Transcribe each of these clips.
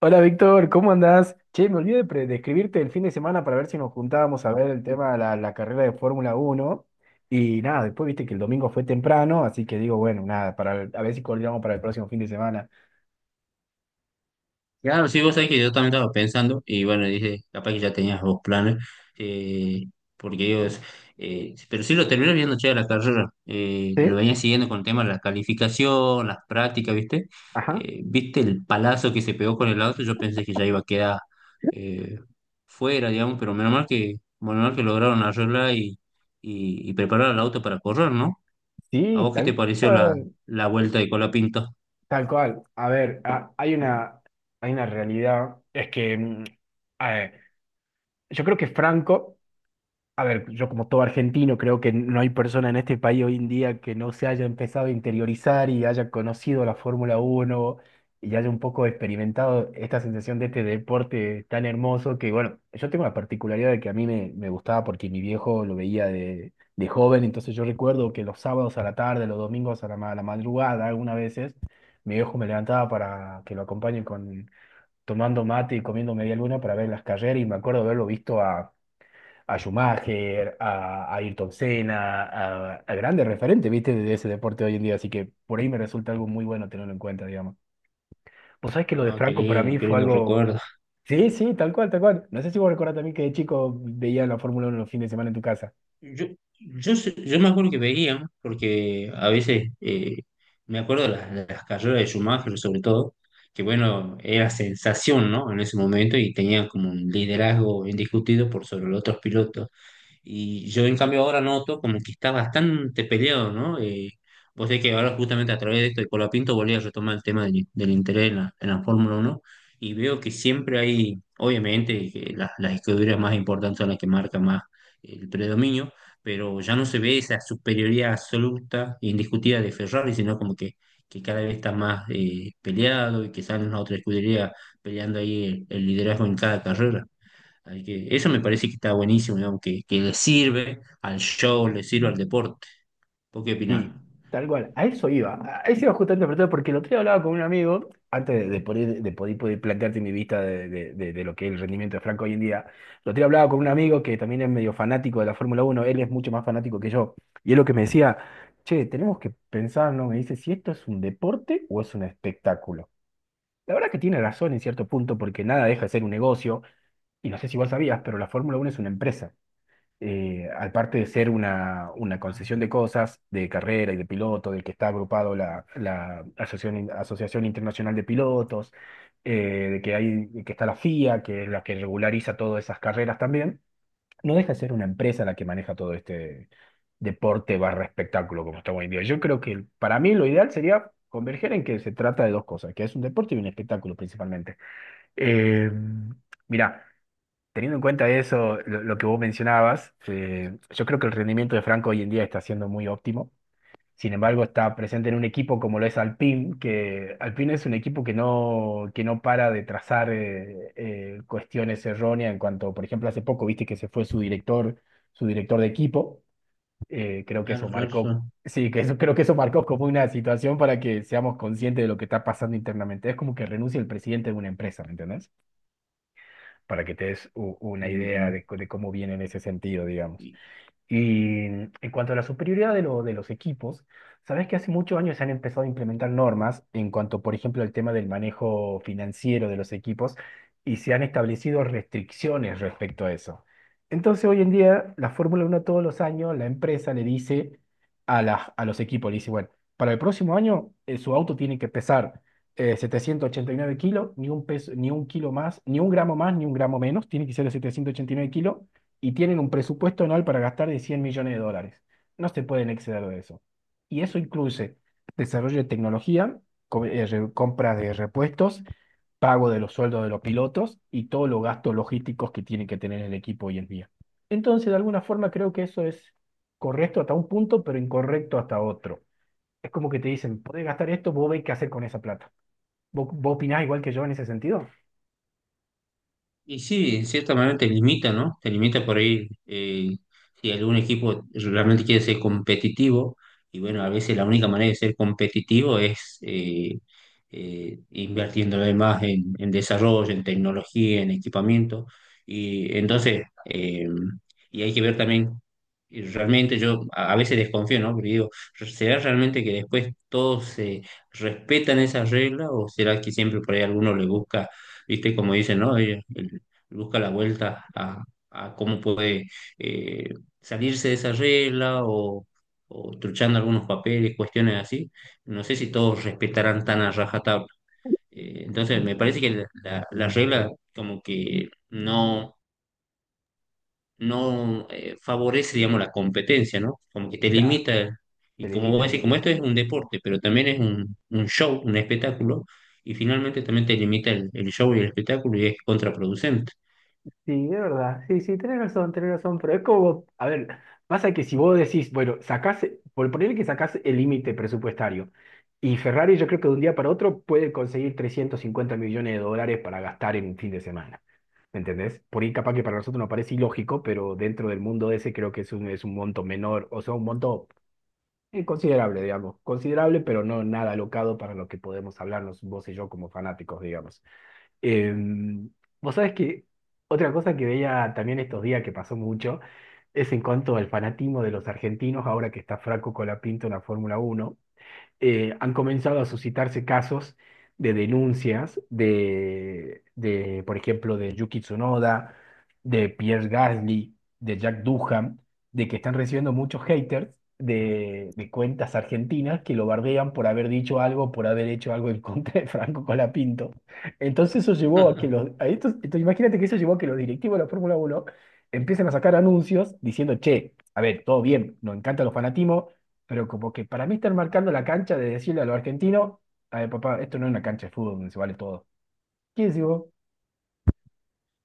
Hola Víctor, ¿cómo andás? Che, me olvidé de escribirte el fin de semana para ver si nos juntábamos a ver el tema de la carrera de Fórmula Uno. Y nada, después viste que el domingo fue temprano, así que digo, bueno, nada, a ver si coordinamos para el próximo fin de semana. Claro, sí, vos sabés que yo también estaba pensando, y bueno, dije, capaz que ya tenías dos planes, eh, porque ellos, pero sí lo terminé viendo che la carrera, lo ¿Sí? venía siguiendo con el tema de la calificación, las prácticas, ¿viste? Ajá. ¿Viste el palazo que se pegó con el auto? Yo pensé que ya iba a quedar eh, fuera, digamos, pero menos mal que lograron arreglar y preparar el auto para correr, ¿no? ¿A Sí, vos qué tal te pareció cual. la vuelta de Colapinto? Tal cual. A ver, hay una realidad. Es que a ver, yo creo que Franco. A ver, yo como todo argentino creo que no hay persona en este país hoy en día que no se haya empezado a interiorizar y haya conocido la Fórmula Uno y haya un poco experimentado esta sensación de este deporte tan hermoso que, bueno, yo tengo la particularidad de que a mí me gustaba porque mi viejo lo veía de joven, entonces yo recuerdo que los sábados a la tarde, los domingos a la madrugada, algunas veces, mi viejo me levantaba para que lo acompañe con, tomando mate y comiendo media luna para ver las carreras y me acuerdo haberlo visto a Schumacher, a Ayrton Senna, a grandes referentes, ¿viste? De ese deporte hoy en día. Así que por ahí me resulta algo muy bueno tenerlo en cuenta, digamos. Vos sabés que lo de Ah, Franco para mí qué fue lindo algo. recuerdo. Sí, sí, tal cual, tal cual. No sé si vos recordás también que de chico veía la Fórmula Uno los fines de semana en tu casa. Yo, yo me acuerdo que veían, porque a veces me acuerdo de de las carreras de Schumacher, sobre todo, que bueno, era sensación, ¿no? En ese momento y tenían como un liderazgo indiscutido por sobre los otros pilotos. Y yo en cambio ahora noto como que está bastante peleado, ¿no? Vos sabés que ahora justamente a través de esto de Colapinto volví a retomar el tema del interés en en la Fórmula uno y veo que siempre hay, obviamente, que las escuderías más importantes son las que marcan más el predominio, pero ya no se ve esa superioridad absoluta e indiscutida de Ferrari, sino que cada vez está más peleado y que salen las otras escuderías peleando ahí el liderazgo en cada carrera. Así que eso me parece que está buenísimo, digamos, que le sirve al show, le sirve al deporte. ¿Vos qué opinás? Sí, tal cual. A eso iba. A eso iba justamente a preguntar, porque el otro día hablaba con un amigo, antes de poder plantearte mi vista de lo que es el rendimiento de Franco hoy en día. El otro día hablaba con un amigo que también es medio fanático de la Fórmula Uno. Él es mucho más fanático que yo. Y es lo que me decía, che, tenemos que pensar, ¿no? Me dice, si esto es un deporte o es un espectáculo. La verdad que tiene razón en cierto punto, porque nada deja de ser un negocio. Y no sé si vos sabías, pero la Fórmula Uno es una empresa, aparte de ser una Ah, concesión de cosas, de carrera y de piloto, del que está agrupado la Asociación Internacional de Pilotos, de que está la FIA, que es la que regulariza todas esas carreras también, no deja de ser una empresa la que maneja todo este deporte barra espectáculo como está hoy en día. Yo creo que para mí lo ideal sería converger en que se trata de dos cosas, que es un deporte y un espectáculo principalmente. Eh, Mirá, teniendo en cuenta eso, lo que vos mencionabas, yo creo que el rendimiento de Franco hoy en día está siendo muy óptimo. Sin embargo, está presente en un equipo como lo es Alpine, que Alpine es un equipo que no para de trazar cuestiones erróneas en cuanto, por ejemplo, hace poco viste que se fue su director de equipo. Creo que eso claro, claro, marcó, claro. sí, que eso marcó como una situación para que seamos conscientes de lo que está pasando internamente. Es como que renuncia el presidente de una empresa, ¿me entendés? Para que te des una idea Mm, de cómo viene en ese sentido, digamos. Y en cuanto a la superioridad de los equipos, sabes que hace muchos años se han empezado a implementar normas en cuanto, por ejemplo, al tema del manejo financiero de los equipos y se han establecido restricciones respecto a eso. Entonces, hoy en día, la Fórmula Uno todos los años, la empresa le dice a los equipos, le dice, bueno, para el próximo año su auto tiene que pesar 789 kilos, ni un peso, ni un kilo más, ni un gramo más, ni un gramo menos, tiene que ser de 789 kilos y tienen un presupuesto anual para gastar de 100 millones de dólares. No se pueden exceder de eso. Y eso incluye desarrollo de tecnología, compra de repuestos, pago de los sueldos de los pilotos y todos los gastos logísticos que tiene que tener el equipo hoy en día. Entonces, de alguna forma, creo que eso es correcto hasta un punto, pero incorrecto hasta otro. Es como que te dicen, podés gastar esto, vos veis qué hacer con esa plata. ¿Vos opinás igual que yo en ese sentido? y sí, en cierta manera te limita, ¿no? Te limita por ahí, si algún equipo realmente quiere ser competitivo. Y bueno, a veces la única manera de ser competitivo es invirtiéndole más en desarrollo, en tecnología, en equipamiento. Y entonces, y hay que ver también, y realmente yo a veces desconfío, ¿no? Porque digo, ¿será realmente que después todos se respetan esas reglas o será que siempre por ahí alguno le busca, viste, como dicen, ¿no? Ellos- busca la vuelta a cómo puede eh, salirse de esa regla o truchando algunos papeles, cuestiones así. No sé si todos respetarán tan a rajatabla. Entonces, me parece que la regla como que no favorece, digamos, la competencia, ¿no? Como que te Ya, limita. se Y como limita vos decís, el como esto es punto. un deporte, pero también es un show, un espectáculo, y finalmente también te limita el show y el espectáculo y es contraproducente. Sí, de verdad. Sí, sí, tenés razón, tenés razón. Pero es como, a ver, pasa que si vos decís, bueno, sacás, por ponerle que sacás el límite presupuestario, y Ferrari yo creo que de un día para otro puede conseguir 350 millones de dólares para gastar en un fin de semana. ¿Me entendés? Por ahí capaz que para nosotros nos parece ilógico, pero dentro del mundo ese creo que es un, monto menor, o sea, un monto considerable, digamos. Considerable, pero no nada alocado para lo que podemos hablarnos vos y yo como fanáticos, digamos. Em, Vos sabés que otra cosa que veía también estos días que pasó mucho es en cuanto al fanatismo de los argentinos ahora que está Franco Colapinto en la Fórmula Uno. Han comenzado a suscitarse casos de denuncias de, por ejemplo, de Yuki Tsunoda, de Pierre Gasly, de Jack Duham, de que están recibiendo muchos haters de cuentas argentinas que lo bardean por haber dicho algo, por haber hecho algo en contra de Franco Colapinto. Entonces eso llevó a que los... a estos- entonces imagínate que eso llevó a que los directivos de la Fórmula Uno empiecen a sacar anuncios diciendo, che, a ver, todo bien, nos encanta los fanatismos, pero como que para mí están marcando la cancha de decirle a los argentinos, a ver, papá, esto no es una cancha de fútbol donde se vale todo. ¿Qué decís vos?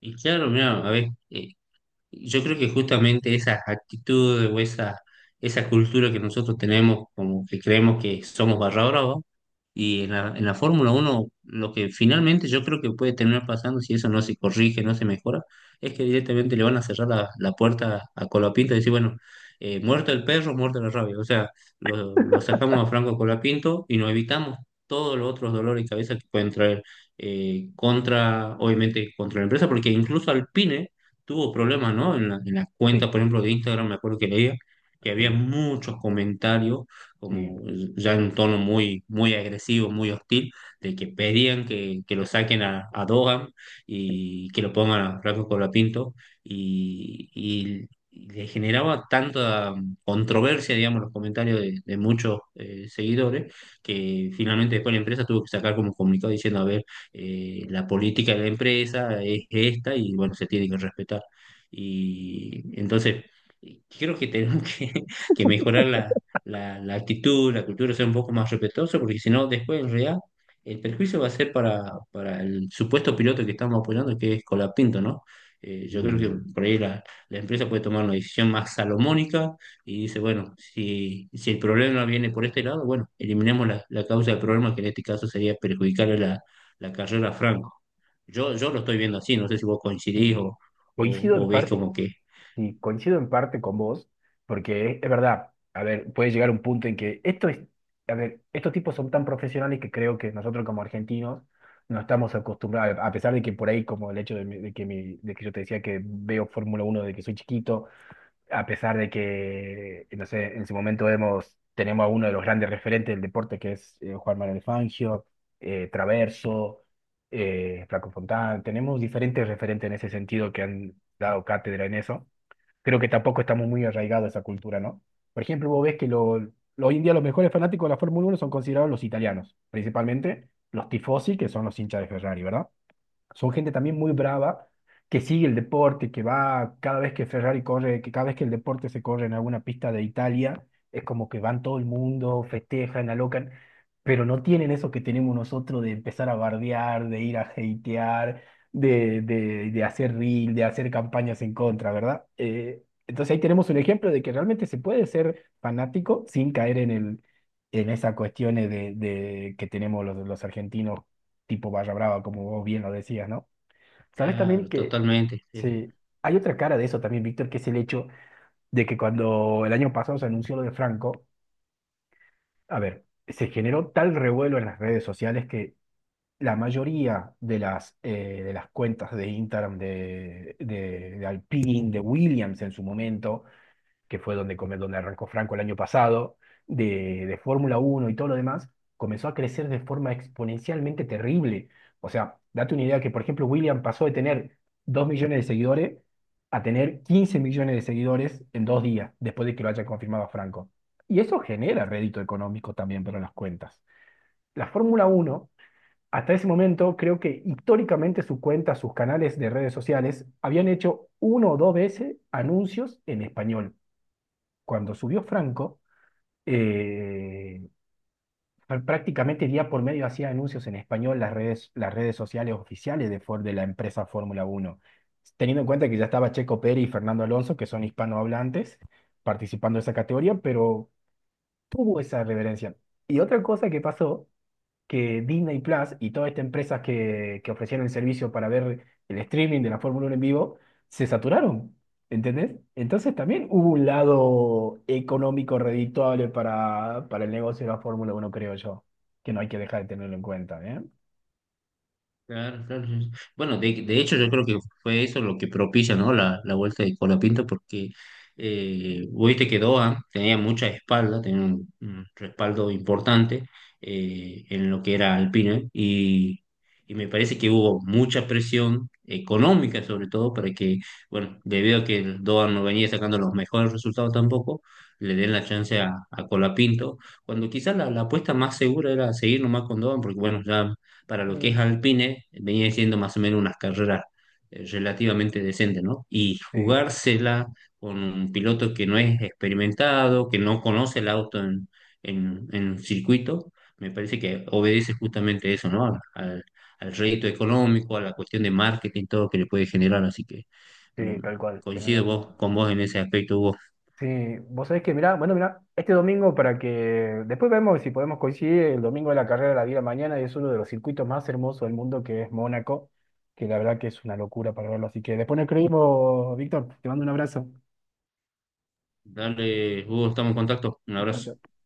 Y claro, mira, a ver, yo creo que justamente esas actitudes o esa cultura que nosotros tenemos, como que creemos que somos barra brava, y en en la Fórmula uno lo que finalmente yo creo que puede terminar pasando, si eso no se corrige, no se mejora, es que directamente le van a cerrar la puerta a Colapinto y decir, bueno, muerto el perro, muerto la rabia. O sea, lo sacamos a Franco Colapinto y nos evitamos todos los otros dolores de cabeza que pueden traer, contra, obviamente, contra la empresa, porque incluso Alpine tuvo problemas, ¿no? En en las cuentas, Sí, por ejemplo, de Instagram, me acuerdo que leía que había sí, muchos comentarios, sí, como ya en un tono muy, muy agresivo, muy hostil, de que pedían que lo saquen a Dogan sí, y que lo pongan a Franco Colapinto, y, y y le generaba tanta controversia, digamos, los comentarios de muchos, seguidores, que finalmente después la empresa tuvo que sacar como un comunicado diciendo, a ver, la política de la empresa es esta y bueno, se tiene que respetar. Y entonces, creo que tenemos que mejorar la actitud, la cultura, ser un poco más respetuoso, porque si no, después en realidad el perjuicio va a ser para el supuesto piloto que estamos apoyando, que es Colapinto, ¿no? Yo creo sí, que por ahí la empresa puede tomar una decisión más salomónica y dice, bueno, si el problema viene por este lado, bueno, eliminemos la causa del problema, que en este caso sería perjudicar la carrera Franco. Yo lo estoy viendo así, no sé si vos sí. coincidís Coincido en o ves parte, como que... sí, coincido en parte con vos, porque es verdad, a ver, puede llegar un punto en que esto es, a ver, estos tipos son tan profesionales que creo que nosotros como argentinos no estamos acostumbrados, a pesar de que por ahí, como el hecho de, mi, de que yo te decía que veo Fórmula Uno desde que soy chiquito, a pesar de que, no sé, en su momento tenemos a uno de los grandes referentes del deporte, que es Juan Manuel Fangio, Traverso, Flaco Fontán, tenemos diferentes referentes en ese sentido que han dado cátedra en eso. Creo que tampoco estamos muy arraigados a esa cultura, ¿no? Por ejemplo, vos ves que hoy en día los mejores fanáticos de la Fórmula Uno son considerados los italianos, principalmente los tifosi, que son los hinchas de Ferrari, ¿verdad? Son gente también muy brava, que sigue el deporte, que va cada vez que Ferrari corre, que cada vez que el deporte se corre en alguna pista de Italia, es como que van todo el mundo, festejan, alocan, pero no tienen eso que tenemos nosotros de empezar a bardear, de ir a hatear, de hacer reel, de hacer campañas en contra, ¿verdad? Entonces ahí tenemos un ejemplo de que realmente se puede ser fanático sin caer en en esas cuestiones de que tenemos los argentinos tipo barra brava, como vos bien lo decías, ¿no? Sabes también Claro, que totalmente. Sí. sí, hay otra cara de eso también, Víctor, que es el hecho de que cuando el año pasado se anunció lo de Franco, a ver, se generó tal revuelo en las redes sociales que la mayoría de las cuentas de Instagram de, de Alpine, de Williams en su momento, que fue donde arrancó Franco el año pasado, de Fórmula Uno y todo lo demás, comenzó a crecer de forma exponencialmente terrible. O sea, date una idea que, por ejemplo, William pasó de tener 2 millones de seguidores a tener 15 millones de seguidores en 2 días, después de que lo haya confirmado a Franco. Y eso genera rédito económico también para las cuentas. La Fórmula Uno hasta ese momento, creo que históricamente su cuenta, sus canales de redes sociales, habían hecho 1 o 2 veces anuncios en español cuando subió Franco, eh, prácticamente día por medio hacía anuncios en español las redes sociales oficiales Ford, de la empresa Fórmula Uno, teniendo en cuenta que ya estaba Checo Pérez y Fernando Alonso, que son hispanohablantes, participando de esa categoría, pero tuvo esa reverencia. Y otra cosa que pasó que Disney Plus y todas estas empresas que ofrecieron el servicio para ver el streaming de la Fórmula Uno en vivo se saturaron, ¿entendés? Entonces también hubo un lado económico redituable para el negocio de la Fórmula Uno creo yo, que no hay que dejar de tenerlo en cuenta, ¿eh? Claro, claro, sí. Sí. Bueno, de hecho yo creo que fue eso lo que propicia, ¿no? La vuelta de Colapinto porque eh, te quedó, ah, tenía mucha espalda, tenía un respaldo importante, en lo que era Alpine y me parece que hubo mucha presión económica sobre todo para que, bueno, debido a que el Doan no venía sacando los mejores resultados tampoco, le den la chance a Colapinto, cuando quizás la apuesta más segura era seguir nomás con Doan porque bueno, ya para lo que es Sí. Alpine, venía siendo más o menos unas carreras relativamente decentes, ¿no? Y Sí, jugársela con un piloto que no es experimentado, que no conoce el auto en circuito, me parece que obedece justamente eso, ¿no? Al, al al rédito económico, a la cuestión de marketing, todo que le puede generar, así que mm, sí, tal cual, tenés coincido vos, razón. con vos en ese aspecto, Hugo. Sí, vos sabés que, mirá, bueno, mirá, este domingo para que después vemos si podemos coincidir el domingo de la carrera de la vida mañana y es uno de los circuitos más hermosos del mundo que es Mónaco, que la verdad que es una locura para verlo. Así que después nos escribimos, Víctor, te mando un abrazo. Dale, Hugo, estamos en contacto. Un Chao, abrazo. chao.